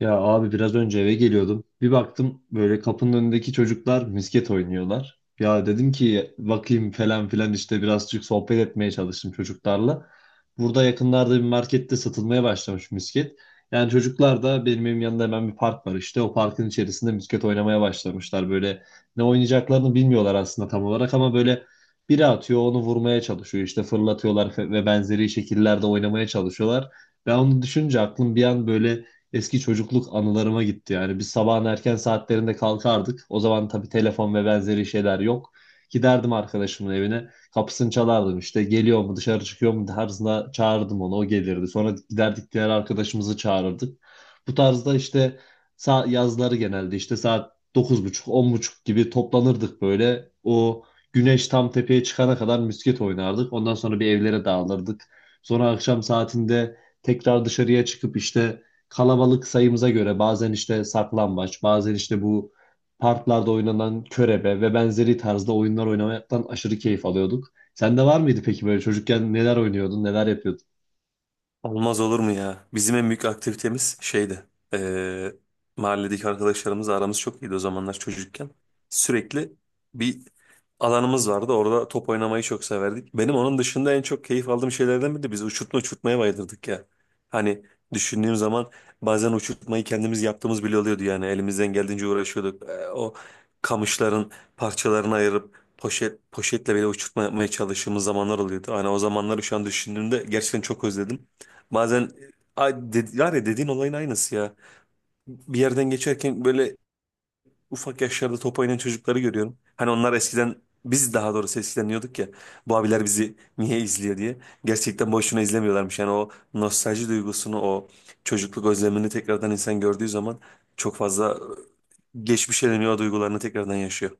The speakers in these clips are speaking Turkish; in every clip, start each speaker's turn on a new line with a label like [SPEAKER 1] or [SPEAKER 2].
[SPEAKER 1] Ya abi biraz önce eve geliyordum. Bir baktım böyle kapının önündeki çocuklar misket oynuyorlar. Ya dedim ki bakayım falan filan işte birazcık sohbet etmeye çalıştım çocuklarla. Burada yakınlarda bir markette satılmaya başlamış misket. Yani çocuklar da benim evim yanında hemen bir park var işte. O parkın içerisinde misket oynamaya başlamışlar. Böyle ne oynayacaklarını bilmiyorlar aslında tam olarak ama böyle biri atıyor onu vurmaya çalışıyor. İşte fırlatıyorlar ve benzeri şekillerde oynamaya çalışıyorlar. Ben onu düşünce aklım bir an böyle eski çocukluk anılarıma gitti. Yani biz sabahın erken saatlerinde kalkardık. O zaman tabii telefon ve benzeri şeyler yok. Giderdim arkadaşımın evine. Kapısını çalardım işte geliyor mu dışarı çıkıyor mu tarzında çağırdım onu, o gelirdi. Sonra giderdik diğer arkadaşımızı çağırırdık. Bu tarzda işte yazları genelde işte saat 9.30 10.30 gibi toplanırdık böyle. O güneş tam tepeye çıkana kadar misket oynardık. Ondan sonra bir evlere dağılırdık. Sonra akşam saatinde tekrar dışarıya çıkıp işte kalabalık sayımıza göre bazen işte saklambaç, bazen işte bu parklarda oynanan körebe ve benzeri tarzda oyunlar oynamaktan aşırı keyif alıyorduk. Sende var mıydı peki böyle çocukken neler oynuyordun, neler yapıyordun?
[SPEAKER 2] Olmaz olur mu ya? Bizim en büyük aktivitemiz şeydi. Eee Mahalledeki arkadaşlarımızla aramız çok iyiydi o zamanlar çocukken. Sürekli bir alanımız vardı. Orada top oynamayı çok severdik. Benim onun dışında en çok keyif aldığım şeylerden biri de biz uçurtma uçurtmaya bayılırdık ya. Hani düşündüğüm zaman bazen uçurtmayı kendimiz yaptığımız bile oluyordu yani. Elimizden geldiğince uğraşıyorduk. O kamışların parçalarını ayırıp poşet poşetle bile uçurtma yapmaya çalıştığımız zamanlar oluyordu. Hani o zamanları şu an düşündüğümde gerçekten çok özledim. Bazen var ya dediğin olayın aynısı ya. Bir yerden geçerken böyle ufak yaşlarda top oynayan çocukları görüyorum. Hani onlar eskiden biz daha doğrusu eskiden diyorduk ya bu abiler bizi niye izliyor diye. Gerçekten boşuna izlemiyorlarmış. Yani o nostalji duygusunu o çocukluk özlemini tekrardan insan gördüğü zaman çok fazla geçmişe dönüyor o duygularını tekrardan yaşıyor.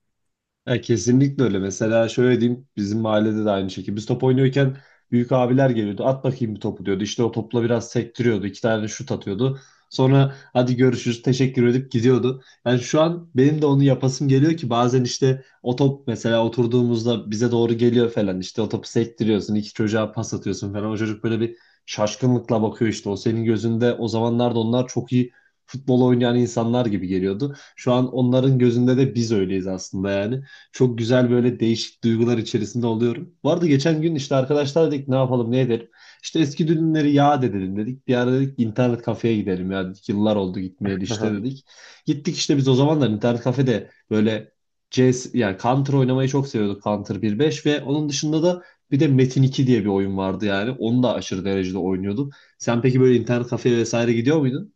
[SPEAKER 1] Ya kesinlikle öyle. Mesela şöyle diyeyim, bizim mahallede de aynı şekilde. Biz top oynuyorken büyük abiler geliyordu. At bakayım bir topu diyordu. İşte o topla biraz sektiriyordu. İki tane şut atıyordu. Sonra hadi görüşürüz teşekkür edip gidiyordu. Yani şu an benim de onu yapasım geliyor ki bazen işte o top mesela oturduğumuzda bize doğru geliyor falan. İşte o topu sektiriyorsun. İki çocuğa pas atıyorsun falan. O çocuk böyle bir şaşkınlıkla bakıyor işte. O senin gözünde o zamanlarda onlar çok iyi futbol oynayan insanlar gibi geliyordu. Şu an onların gözünde de biz öyleyiz aslında yani. Çok güzel böyle değişik duygular içerisinde oluyorum. Vardı geçen gün işte arkadaşlar dedik ne yapalım ne edelim. İşte eski düğünleri yad edelim dedik. Bir ara dedik internet kafeye gidelim ya dedik. Yıllar oldu gitmeyeli işte dedik. Gittik işte, biz o zamanlar internet kafede böyle CS yani Counter oynamayı çok seviyorduk, Counter 1.5. Ve onun dışında da bir de Metin 2 diye bir oyun vardı yani. Onu da aşırı derecede oynuyorduk. Sen peki böyle internet kafeye vesaire gidiyor muydun?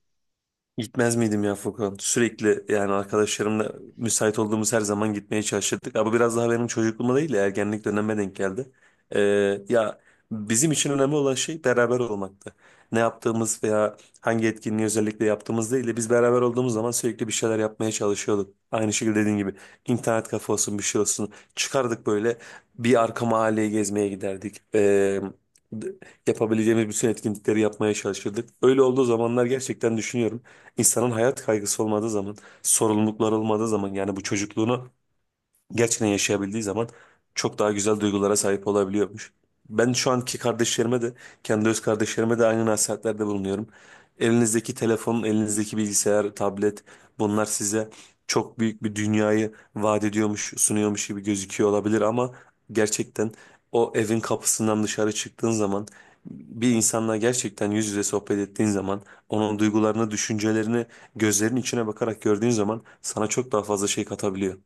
[SPEAKER 2] Gitmez miydim ya Furkan? Sürekli yani arkadaşlarımla müsait olduğumuz her zaman gitmeye çalışırdık. Ama biraz daha benim çocukluğuma değil de ergenlik dönemime denk geldi. Ee, ya bizim için önemli olan şey beraber olmaktı. Ne yaptığımız veya hangi etkinliği özellikle yaptığımız değil de biz beraber olduğumuz zaman sürekli bir şeyler yapmaya çalışıyorduk. Aynı şekilde dediğin gibi internet kafe olsun bir şey olsun. Çıkardık böyle bir arka mahalleye gezmeye giderdik. D- Yapabileceğimiz bütün etkinlikleri yapmaya çalışırdık. Öyle olduğu zamanlar gerçekten düşünüyorum. İnsanın hayat kaygısı olmadığı zaman, sorumluluklar olmadığı zaman yani bu çocukluğunu gerçekten yaşayabildiği zaman çok daha güzel duygulara sahip olabiliyormuş. Ben şu anki kardeşlerime de, kendi öz kardeşlerime de aynı nasihatlerde bulunuyorum. Elinizdeki telefon, elinizdeki bilgisayar, tablet bunlar size çok büyük bir dünyayı vaat ediyormuş, sunuyormuş gibi gözüküyor olabilir ama gerçekten o evin kapısından dışarı çıktığın zaman bir insanla gerçekten yüz yüze sohbet ettiğin zaman onun duygularını, düşüncelerini gözlerinin içine bakarak gördüğün zaman sana çok daha fazla şey katabiliyor.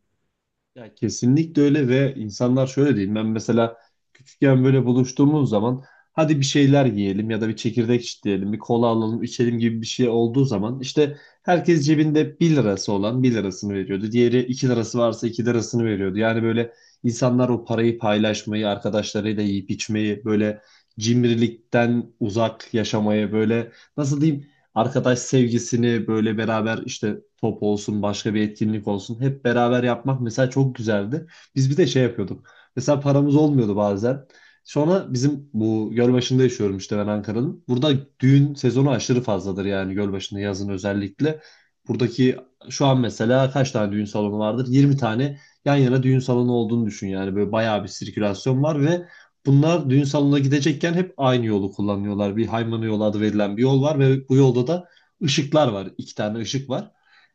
[SPEAKER 1] Ya kesinlikle öyle ve insanlar şöyle değil. Ben mesela küçükken böyle buluştuğumuz zaman hadi bir şeyler yiyelim ya da bir çekirdek çitleyelim, bir kola alalım, içelim gibi bir şey olduğu zaman işte herkes cebinde bir lirası olan bir lirasını veriyordu. Diğeri 2 lirası varsa 2 lirasını veriyordu. Yani böyle insanlar o parayı paylaşmayı, arkadaşlarıyla yiyip içmeyi, böyle cimrilikten uzak yaşamayı, böyle nasıl diyeyim, arkadaş sevgisini böyle beraber işte top olsun başka bir etkinlik olsun hep beraber yapmak mesela çok güzeldi. Biz bir de şey yapıyorduk. Mesela paramız olmuyordu bazen. Sonra bizim bu Gölbaşı'nda yaşıyorum işte, ben Ankara'nın. Burada düğün sezonu aşırı fazladır yani Gölbaşı'nda yazın özellikle. Buradaki şu an mesela kaç tane düğün salonu vardır? 20 tane yan yana düğün salonu olduğunu düşün yani, böyle bayağı bir sirkülasyon var ve bunlar düğün salonuna gidecekken hep aynı yolu kullanıyorlar. Bir Haymana yolu adı verilen bir yol var ve bu yolda da ışıklar var. İki tane ışık var.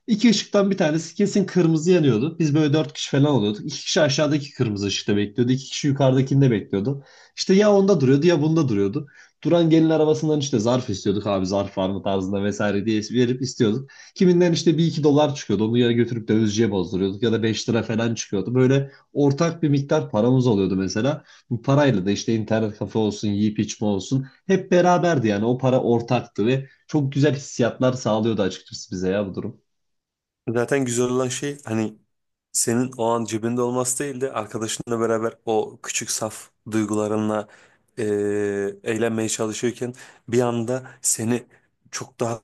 [SPEAKER 1] İki ışıktan bir tanesi kesin kırmızı yanıyordu. Biz böyle dört kişi falan oluyorduk. İki kişi aşağıdaki kırmızı ışıkta bekliyordu. İki kişi yukarıdakinde bekliyordu. İşte ya onda duruyordu ya bunda duruyordu. Duran gelin arabasından işte zarf istiyorduk, abi zarf var mı tarzında vesaire diye verip istiyorduk. Kiminden işte bir iki dolar çıkıyordu. Onu ya götürüp dövizciye bozduruyorduk ya da 5 lira falan çıkıyordu. Böyle ortak bir miktar paramız oluyordu mesela. Bu parayla da işte internet kafe olsun, yiyip içme olsun hep beraberdi yani. O para ortaktı ve çok güzel hissiyatlar sağlıyordu açıkçası bize ya bu durum.
[SPEAKER 2] Zaten güzel olan şey hani senin o an cebinde olması değil de arkadaşınla beraber o küçük saf duygularınla e, eğlenmeye çalışıyorken bir anda seni çok daha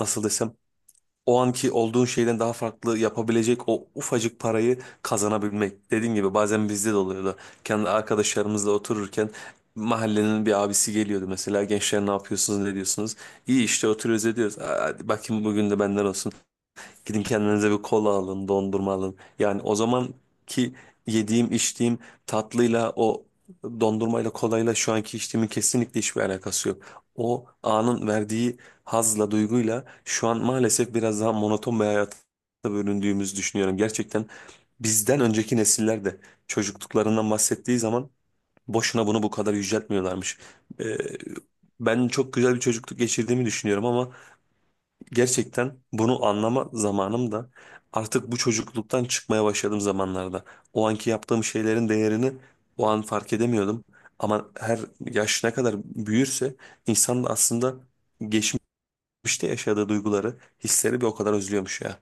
[SPEAKER 2] nasıl desem o anki olduğun şeyden daha farklı yapabilecek o ufacık parayı kazanabilmek. Dediğim gibi bazen bizde de oluyordu. Kendi arkadaşlarımızla otururken mahallenin bir abisi geliyordu mesela gençler ne yapıyorsunuz ne diyorsunuz? İyi işte oturuyoruz ediyoruz. Aa, hadi bakayım bugün de benden olsun. Gidin kendinize bir kola alın, dondurma alın. Yani o zaman ki yediğim, içtiğim tatlıyla o dondurmayla, kolayla şu anki içtiğimin kesinlikle hiçbir alakası yok. O anın verdiği hazla, duyguyla şu an maalesef biraz daha monoton bir hayata bölündüğümüzü düşünüyorum. Gerçekten bizden önceki nesiller de çocukluklarından bahsettiği zaman boşuna bunu bu kadar yüceltmiyorlarmış. Ee, Ben çok güzel bir çocukluk geçirdiğimi düşünüyorum ama gerçekten bunu anlama zamanım da artık bu çocukluktan çıkmaya başladığım zamanlarda. O anki yaptığım şeylerin değerini o an fark edemiyordum. Ama her yaş ne kadar büyürse insan da aslında geçmişte yaşadığı duyguları, hisleri bir o kadar özlüyormuş ya.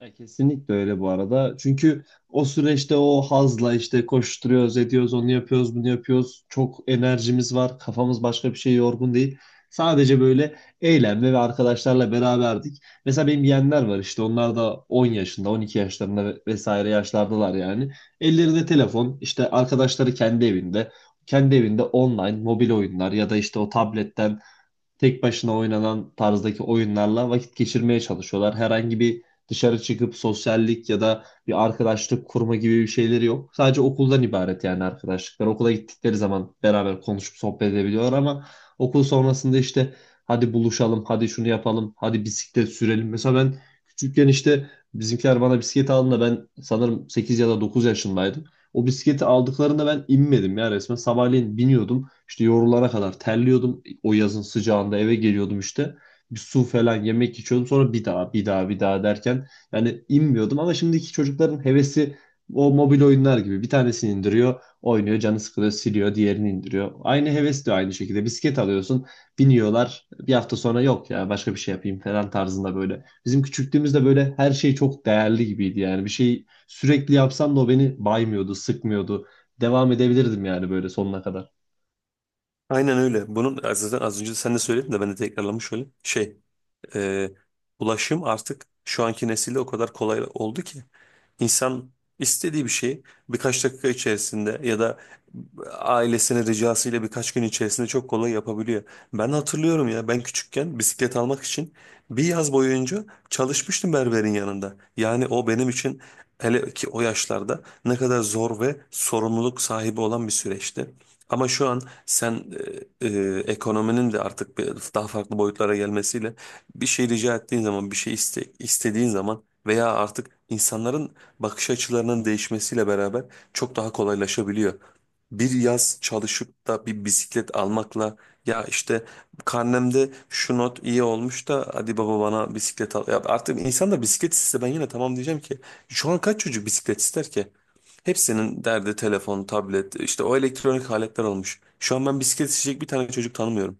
[SPEAKER 1] Ya kesinlikle öyle bu arada. Çünkü o süreçte o hazla işte koşturuyoruz, ediyoruz, onu yapıyoruz, bunu yapıyoruz. Çok enerjimiz var, kafamız başka bir şey yorgun değil. Sadece böyle eğlenme ve arkadaşlarla beraberdik. Mesela benim yeğenler var işte, onlar da 10 yaşında, 12 yaşlarında vesaire yaşlardalar yani. Ellerinde telefon, işte arkadaşları kendi evinde. Kendi evinde online mobil oyunlar ya da işte o tabletten tek başına oynanan tarzdaki oyunlarla vakit geçirmeye çalışıyorlar. Herhangi bir dışarı çıkıp sosyallik ya da bir arkadaşlık kurma gibi bir şeyleri yok. Sadece okuldan ibaret yani arkadaşlıklar. Okula gittikleri zaman beraber konuşup sohbet edebiliyorlar ama okul sonrasında işte hadi buluşalım, hadi şunu yapalım, hadi bisiklet sürelim. Mesela ben küçükken işte bizimkiler bana bisiklet aldığında ben sanırım 8 ya da 9 yaşındaydım. O bisikleti aldıklarında ben inmedim ya resmen. Sabahleyin biniyordum. İşte yorulara kadar terliyordum o yazın sıcağında, eve geliyordum işte. Bir su falan yemek içiyordum. Sonra bir daha bir daha bir daha derken yani inmiyordum ama şimdiki çocukların hevesi o mobil oyunlar gibi. Bir tanesini indiriyor, oynuyor, canı sıkılıyor, siliyor, diğerini indiriyor. Aynı heves de aynı şekilde. Bisiklet alıyorsun, biniyorlar. Bir hafta sonra yok ya başka bir şey yapayım falan tarzında böyle. Bizim küçüklüğümüzde böyle her şey çok değerli gibiydi yani. Bir şey sürekli yapsam da o beni baymıyordu, sıkmıyordu. Devam edebilirdim yani böyle sonuna kadar.
[SPEAKER 2] Aynen öyle. Bunun zaten az önce sen de söyledin de ben de tekrarlamış olayım. E, Ulaşım artık şu anki nesilde o kadar kolay oldu ki insan istediği bir şeyi birkaç dakika içerisinde ya da ailesinin ricasıyla birkaç gün içerisinde çok kolay yapabiliyor. Ben hatırlıyorum ya ben küçükken bisiklet almak için bir yaz boyunca çalışmıştım berberin yanında. Yani o benim için hele ki o yaşlarda ne kadar zor ve sorumluluk sahibi olan bir süreçti. Ama şu an sen ekonominin de artık daha farklı boyutlara gelmesiyle bir şey rica ettiğin zaman, istediğin zaman veya artık insanların bakış açılarının değişmesiyle beraber çok daha kolaylaşabiliyor. Bir yaz çalışıp da bir bisiklet almakla ya işte karnemde şu not iyi olmuş da hadi baba bana bisiklet al. Ya artık insan da bisiklet iste ben yine tamam diyeceğim ki şu an kaç çocuk bisiklet ister ki? Hepsinin derdi telefon, tablet, işte o elektronik aletler olmuş. Şu an ben bisiklet isteyecek bir tane çocuk tanımıyorum.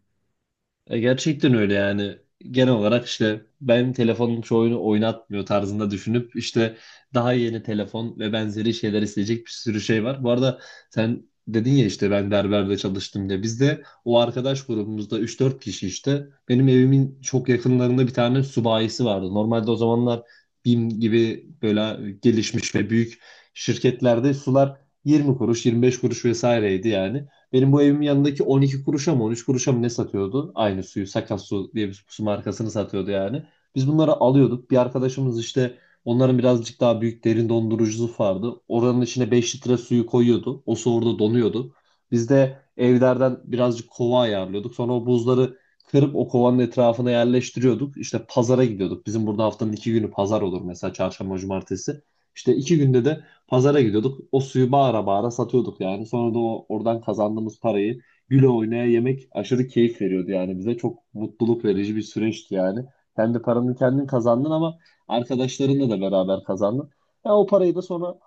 [SPEAKER 1] E, gerçekten öyle yani. Genel olarak işte benim telefonum şu oyunu oynatmıyor tarzında düşünüp işte daha yeni telefon ve benzeri şeyler isteyecek bir sürü şey var. Bu arada sen dedin ya işte ben berberde çalıştım diye. Biz de o arkadaş grubumuzda üç dört kişi, işte benim evimin çok yakınlarında bir tane subayisi vardı. Normalde o zamanlar BİM gibi böyle gelişmiş ve büyük şirketlerde sular 20 kuruş, 25 kuruş vesaireydi yani. Benim bu evimin yanındaki 12 kuruşa mı 13 kuruşa mı ne satıyordu? Aynı suyu Sakat Su diye bir su markasını satıyordu yani. Biz bunları alıyorduk. Bir arkadaşımız işte, onların birazcık daha büyük derin dondurucusu vardı. Oranın içine 5 litre suyu koyuyordu. O su orada donuyordu. Biz de evlerden birazcık kova ayarlıyorduk. Sonra o buzları kırıp o kovanın etrafına yerleştiriyorduk. İşte pazara gidiyorduk. Bizim burada haftanın iki günü pazar olur mesela, çarşamba, cumartesi. İşte iki günde de pazara gidiyorduk. O suyu bağıra bağıra satıyorduk yani. Sonra da o oradan kazandığımız parayı güle oynaya yemek aşırı keyif veriyordu yani bize. Çok mutluluk verici bir süreçti yani. Kendi paranı kendin kazandın ama arkadaşlarınla da beraber kazandın. Ya o parayı da sonra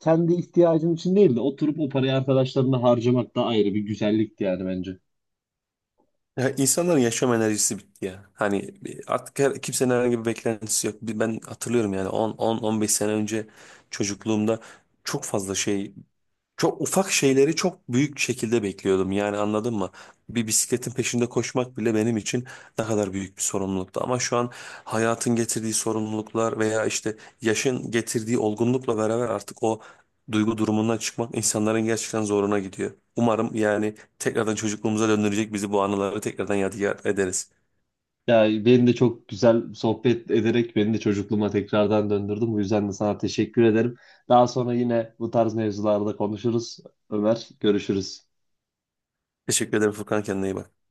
[SPEAKER 1] kendi ihtiyacın için değil de oturup o parayı arkadaşlarına harcamak da ayrı bir güzellikti yani bence.
[SPEAKER 2] Ya insanların yaşam enerjisi bitti ya. Hani artık her, kimsenin herhangi bir beklentisi yok. Ben hatırlıyorum yani 10 15 sene önce çocukluğumda çok fazla şey çok ufak şeyleri çok büyük şekilde bekliyordum yani anladın mı? Bir bisikletin peşinde koşmak bile benim için ne kadar büyük bir sorumluluktu. Ama şu an hayatın getirdiği sorumluluklar veya işte yaşın getirdiği olgunlukla beraber artık o duygu durumundan çıkmak insanların gerçekten zoruna gidiyor. Umarım yani tekrardan çocukluğumuza döndürecek bizi bu anıları tekrardan yadigar ederiz.
[SPEAKER 1] Ya beni de çok güzel sohbet ederek beni de çocukluğuma tekrardan döndürdün. Bu yüzden de sana teşekkür ederim. Daha sonra yine bu tarz mevzularda konuşuruz. Ömer, görüşürüz.
[SPEAKER 2] Teşekkür ederim Furkan kendine iyi bak.